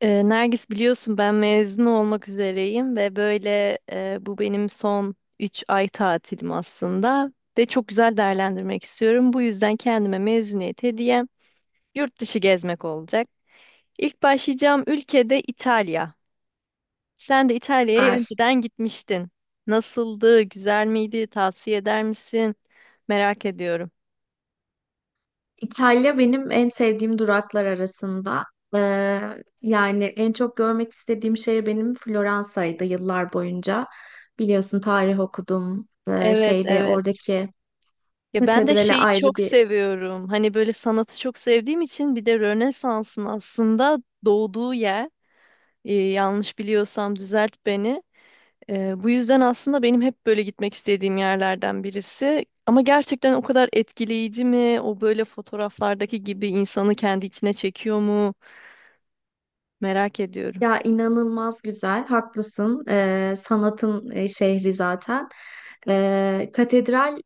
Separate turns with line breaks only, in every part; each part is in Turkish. Nergis biliyorsun ben mezun olmak üzereyim ve böyle bu benim son 3 ay tatilim aslında ve çok güzel değerlendirmek istiyorum. Bu yüzden kendime mezuniyet hediyem yurt dışı gezmek olacak. İlk başlayacağım ülkede İtalya. Sen de İtalya'ya
Süper.
önceden gitmiştin. Nasıldı? Güzel miydi? Tavsiye eder misin? Merak ediyorum.
İtalya benim en sevdiğim duraklar arasında. Yani en çok görmek istediğim şehir benim Floransa'ydı yıllar boyunca. Biliyorsun tarih okudum.
Evet,
Şeyde
evet.
Oradaki
Ya ben de
katedrale
şeyi
ayrı
çok
bir
seviyorum. Hani böyle sanatı çok sevdiğim için bir de Rönesans'ın aslında doğduğu yer. Yanlış biliyorsam düzelt beni. Bu yüzden aslında benim hep böyle gitmek istediğim yerlerden birisi. Ama gerçekten o kadar etkileyici mi? O böyle fotoğraflardaki gibi insanı kendi içine çekiyor mu? Merak ediyorum.
inanılmaz güzel. Haklısın. Sanatın şehri zaten. Katedral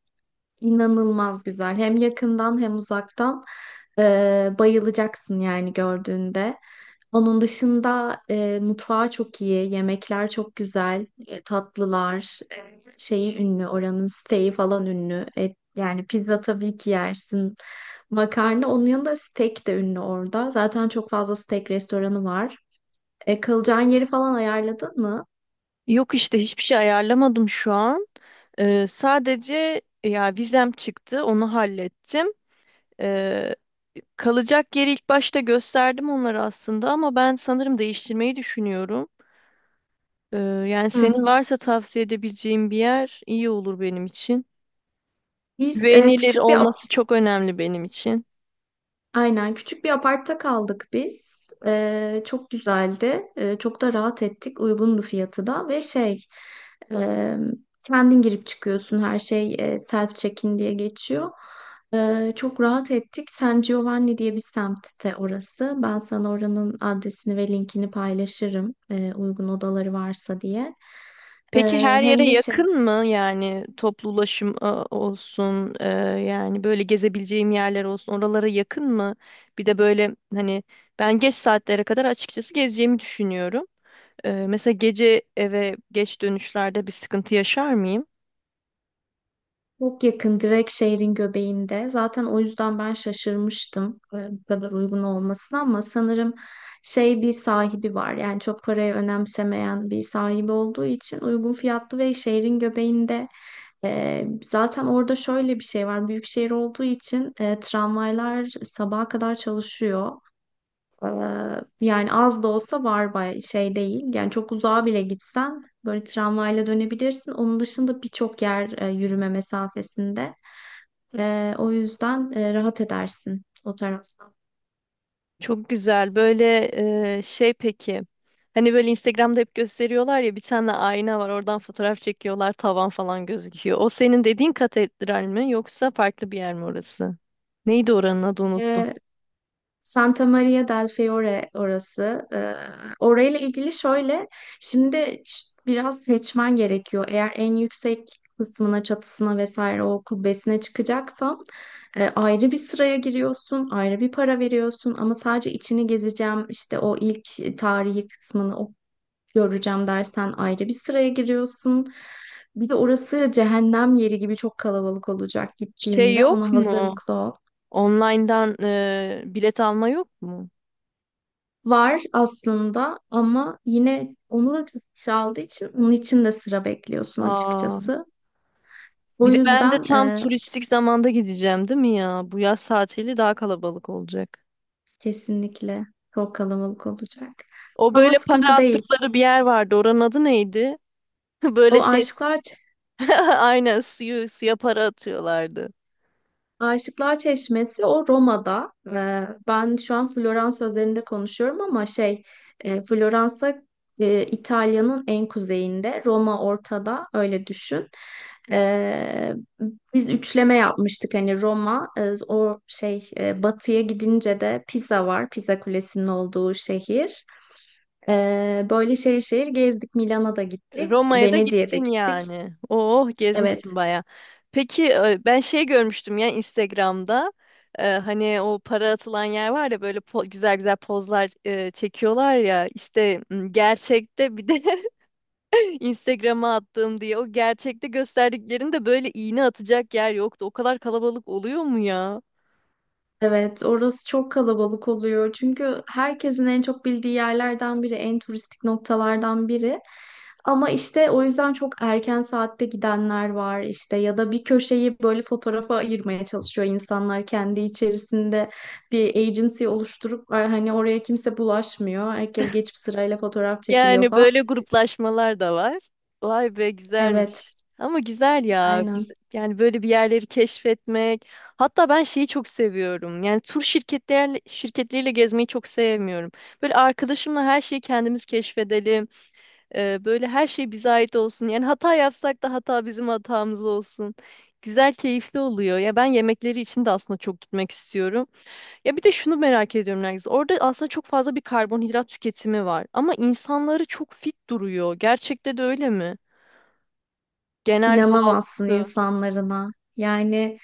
inanılmaz güzel. Hem yakından hem uzaktan. Bayılacaksın yani gördüğünde. Onun dışında mutfağı çok iyi, yemekler çok güzel, tatlılar, şeyi ünlü, oranın steak'i falan ünlü. Et, yani pizza tabii ki yersin. Makarna, onun yanında steak de ünlü orada. Zaten çok fazla steak restoranı var. Kalacağın yeri falan ayarladın mı?
Yok işte hiçbir şey ayarlamadım şu an. Sadece ya vizem çıktı, onu hallettim. Ee, Kalacak yeri ilk başta gösterdim onlara aslında ama ben sanırım değiştirmeyi düşünüyorum. Yani senin
Hı.
varsa tavsiye edebileceğin bir yer iyi olur benim için.
Biz e,
Güvenilir
küçük bir
olması çok önemli benim için.
aynen küçük bir apartta kaldık biz. Çok güzeldi. Çok da rahat ettik. Uygundu fiyatı da ve e, kendin girip çıkıyorsun. Her şey self check-in diye geçiyor. Çok rahat ettik. San Giovanni diye bir semtte orası. Ben sana oranın adresini ve linkini paylaşırım. Uygun odaları varsa diye.
Peki her yere
Hem de
yakın
şey
mı? Yani toplu ulaşım olsun, yani böyle gezebileceğim yerler olsun, oralara yakın mı? Bir de böyle hani ben geç saatlere kadar açıkçası gezeceğimi düşünüyorum. Mesela gece eve geç dönüşlerde bir sıkıntı yaşar mıyım?
Çok yakın, direkt şehrin göbeğinde. Zaten o yüzden ben şaşırmıştım bu kadar uygun olmasına ama sanırım şey bir sahibi var. Yani çok parayı önemsemeyen bir sahibi olduğu için uygun fiyatlı ve şehrin göbeğinde. Zaten orada şöyle bir şey var. Büyük şehir olduğu için tramvaylar sabaha kadar çalışıyor. Ee, Yani az da olsa var bay şey değil. Yani çok uzağa bile gitsen böyle tramvayla dönebilirsin. Onun dışında birçok yer yürüme mesafesinde. O yüzden rahat edersin o taraftan.
Çok güzel. Böyle peki. Hani böyle Instagram'da hep gösteriyorlar ya bir tane ayna var oradan fotoğraf çekiyorlar tavan falan gözüküyor. O senin dediğin katedral mi yoksa farklı bir yer mi orası? Neydi oranın adı unuttum.
Santa Maria del Fiore orası. Orayla ilgili şöyle, şimdi biraz seçmen gerekiyor. Eğer en yüksek kısmına, çatısına vesaire o kubbesine çıkacaksan ayrı bir sıraya giriyorsun, ayrı bir para veriyorsun ama sadece içini gezeceğim, işte o ilk tarihi kısmını o göreceğim dersen ayrı bir sıraya giriyorsun. Bir de orası cehennem yeri gibi çok kalabalık olacak
Şey
gittiğinde.
yok
Ona
mu?
hazırlıklı ol.
Online'dan bilet alma yok mu?
Var aslında ama yine onu da çok çaldığı için onun için de sıra bekliyorsun
Aa,
açıkçası. O
Bir de ben de
yüzden
tam turistik zamanda gideceğim değil mi ya? Bu yaz tatili daha kalabalık olacak.
kesinlikle çok kalabalık olacak.
O
Ama
böyle para
sıkıntı değil.
attıkları bir yer vardı. Oranın adı neydi? Böyle
O
şey
aşklar
Aynen suyu suya para atıyorlardı.
Aşıklar Çeşmesi o Roma'da. Ben şu an Florans özelinde konuşuyorum ama Floransa İtalya'nın en kuzeyinde, Roma ortada öyle düşün. Ee, Biz üçleme yapmıştık hani Roma batıya gidince de Pisa var. Pisa Kulesi'nin olduğu şehir. Böyle şehir şehir gezdik. Milano'da da gittik,
Roma'ya da
Venedik'e de
gittin
gittik.
yani. Oh gezmişsin
Evet.
baya. Peki ben şey görmüştüm ya Instagram'da. Hani o para atılan yer var ya böyle güzel güzel pozlar çekiyorlar ya. İşte gerçekte bir de Instagram'a attığım diye o gerçekte gösterdiklerinde böyle iğne atacak yer yoktu. O kadar kalabalık oluyor mu ya?
Evet, orası çok kalabalık oluyor. Çünkü herkesin en çok bildiği yerlerden biri, en turistik noktalardan biri. Ama işte o yüzden çok erken saatte gidenler var işte ya da bir köşeyi böyle fotoğrafa ayırmaya çalışıyor insanlar kendi içerisinde bir agency oluşturup hani oraya kimse bulaşmıyor. Herkes geçip sırayla fotoğraf çekiliyor
Yani
falan.
böyle gruplaşmalar da var. Vay be
Evet,
güzelmiş. Ama güzel ya.
aynen.
Yani böyle bir yerleri keşfetmek. Hatta ben şeyi çok seviyorum. Yani şirketleriyle gezmeyi çok sevmiyorum. Böyle arkadaşımla her şeyi kendimiz keşfedelim. Böyle her şey bize ait olsun. Yani hata yapsak da hata bizim hatamız olsun. Güzel, keyifli oluyor. Ya ben yemekleri için de aslında çok gitmek istiyorum. Ya bir de şunu merak ediyorum Nergis. Orada aslında çok fazla bir karbonhidrat tüketimi var. Ama insanları çok fit duruyor. Gerçekte de öyle mi? Genel
İnanamazsın
halkı
insanlarına. Yani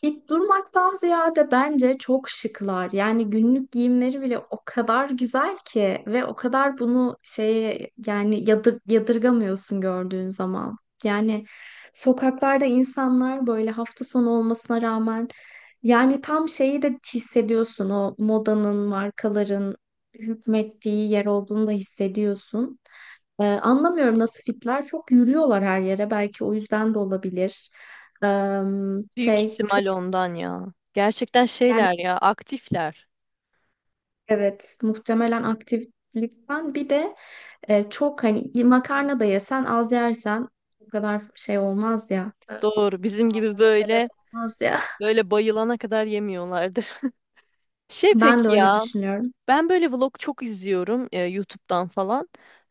fit durmaktan ziyade bence çok şıklar. Yani günlük giyimleri bile o kadar güzel ki ve o kadar bunu şeye yani yadırgamıyorsun gördüğün zaman. Yani sokaklarda insanlar böyle hafta sonu olmasına rağmen yani tam şeyi de hissediyorsun o modanın, markaların hükmettiği yer olduğunu da hissediyorsun. Anlamıyorum nasıl fitler. Çok yürüyorlar her yere. Belki o yüzden de olabilir. Ee,
büyük
şey çok
ihtimal ondan ya. Gerçekten
yani
şeyler ya, aktifler.
Evet, muhtemelen aktiflikten bir de çok hani makarna da yesen az yersen o kadar şey olmaz ya.
Doğru. Bizim gibi
Almana sebep
böyle
olmaz ya.
böyle bayılana kadar yemiyorlardır. Şey
Ben de
peki
öyle
ya,
düşünüyorum.
ben böyle vlog çok izliyorum YouTube'dan falan.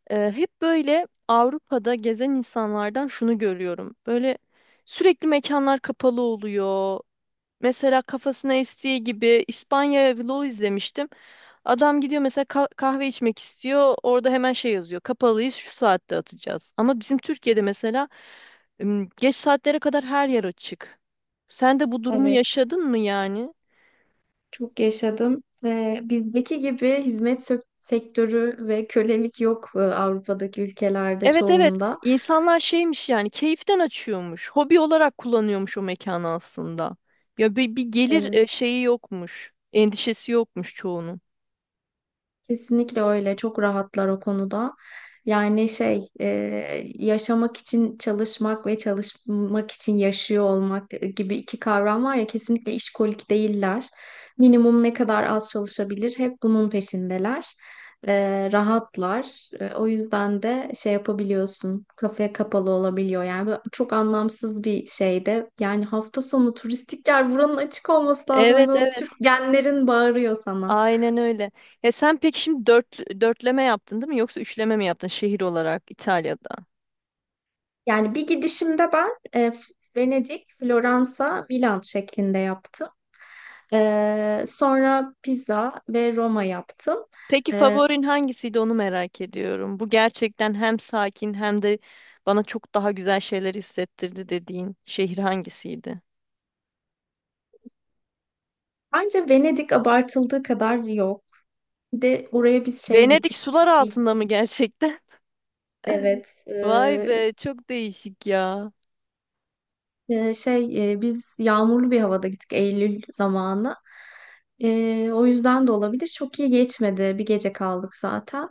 Hep böyle Avrupa'da gezen insanlardan şunu görüyorum. Böyle sürekli mekanlar kapalı oluyor. Mesela kafasına estiği gibi İspanya vlogu izlemiştim. Adam gidiyor mesela kahve içmek istiyor. Orada hemen şey yazıyor. Kapalıyız şu saatte atacağız. Ama bizim Türkiye'de mesela geç saatlere kadar her yer açık. Sen de bu durumu
Evet,
yaşadın mı yani?
çok yaşadım. Bizdeki gibi hizmet sektörü ve kölelik yok Avrupa'daki ülkelerde
Evet, evet.
çoğunda.
İnsanlar şeymiş yani keyiften açıyormuş. Hobi olarak kullanıyormuş o mekanı aslında. Ya bir gelir
Evet.
şeyi yokmuş. Endişesi yokmuş çoğunun.
Kesinlikle öyle. Çok rahatlar o konuda. Yani şey, e, Yaşamak için çalışmak ve çalışmak için yaşıyor olmak gibi iki kavram var ya, kesinlikle işkolik değiller. Minimum ne kadar az çalışabilir hep bunun peşindeler. Rahatlar. O yüzden de şey yapabiliyorsun. Kafaya kapalı olabiliyor. Yani böyle çok anlamsız bir şey de. Yani hafta sonu turistik yer buranın açık olması lazım. Yani
Evet,
böyle
evet.
Türk genlerin bağırıyor sana.
Aynen öyle. Ya sen peki şimdi dörtleme yaptın değil mi? Yoksa üçleme mi yaptın şehir olarak İtalya'da?
Yani bir gidişimde ben Venedik, Floransa, Milan şeklinde yaptım. Sonra Pisa ve Roma yaptım.
Peki
E,
favorin hangisiydi onu merak ediyorum. Bu gerçekten hem sakin hem de bana çok daha güzel şeyler hissettirdi dediğin şehir hangisiydi?
Bence Venedik abartıldığı kadar yok. Bir de oraya biz şeye
Venedik
gittik.
sular altında mı gerçekten?
Evet,
Vay
e,
be çok değişik ya.
Ee, şey e, biz yağmurlu bir havada gittik Eylül zamanı. O yüzden de olabilir. Çok iyi geçmedi. Bir gece kaldık zaten.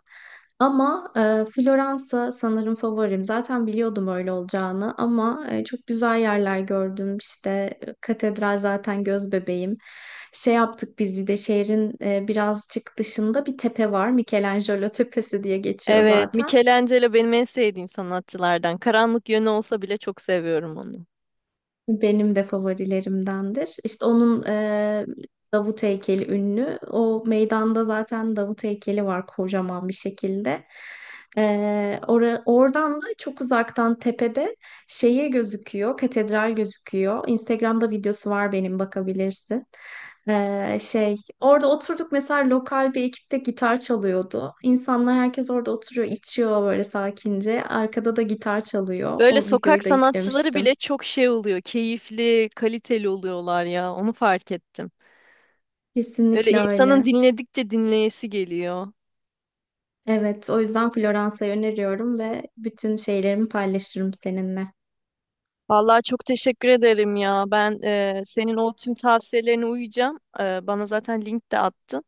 Ama Floransa sanırım favorim. Zaten biliyordum öyle olacağını ama çok güzel yerler gördüm. İşte katedral zaten göz bebeğim. Şey yaptık biz bir de şehrin birazcık dışında bir tepe var. Michelangelo Tepesi diye geçiyor
Evet,
zaten.
Michelangelo benim en sevdiğim sanatçılardan. Karanlık yönü olsa bile çok seviyorum onu.
Benim de favorilerimdendir. İşte onun Davut heykeli ünlü. O meydanda zaten Davut heykeli var kocaman bir şekilde. Oradan da çok uzaktan tepede şehir gözüküyor, katedral gözüküyor. Instagram'da videosu var benim, bakabilirsin. Orada oturduk, mesela lokal bir ekipte gitar çalıyordu. İnsanlar herkes orada oturuyor, içiyor böyle sakince. Arkada da gitar çalıyor.
Böyle
O
sokak
videoyu da
sanatçıları bile
yüklemiştim.
çok şey oluyor. Keyifli, kaliteli oluyorlar ya. Onu fark ettim. Böyle
Kesinlikle
insanın
öyle.
dinledikçe dinleyesi geliyor.
Evet, o yüzden Floransa'yı öneriyorum ve bütün şeylerimi paylaşırım seninle.
Vallahi çok teşekkür ederim ya. Ben senin o tüm tavsiyelerine uyacağım. Bana zaten link de attın.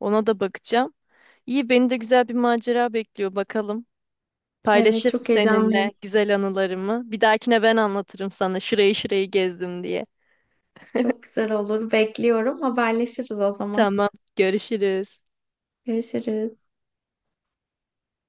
Ona da bakacağım. İyi, beni de güzel bir macera bekliyor. Bakalım.
Evet,
Paylaşırım
çok heyecanlıyım.
seninle güzel anılarımı. Bir dahakine ben anlatırım sana şurayı şurayı gezdim diye.
Çok güzel olur. Bekliyorum. Haberleşiriz o zaman.
Tamam, görüşürüz.
Görüşürüz.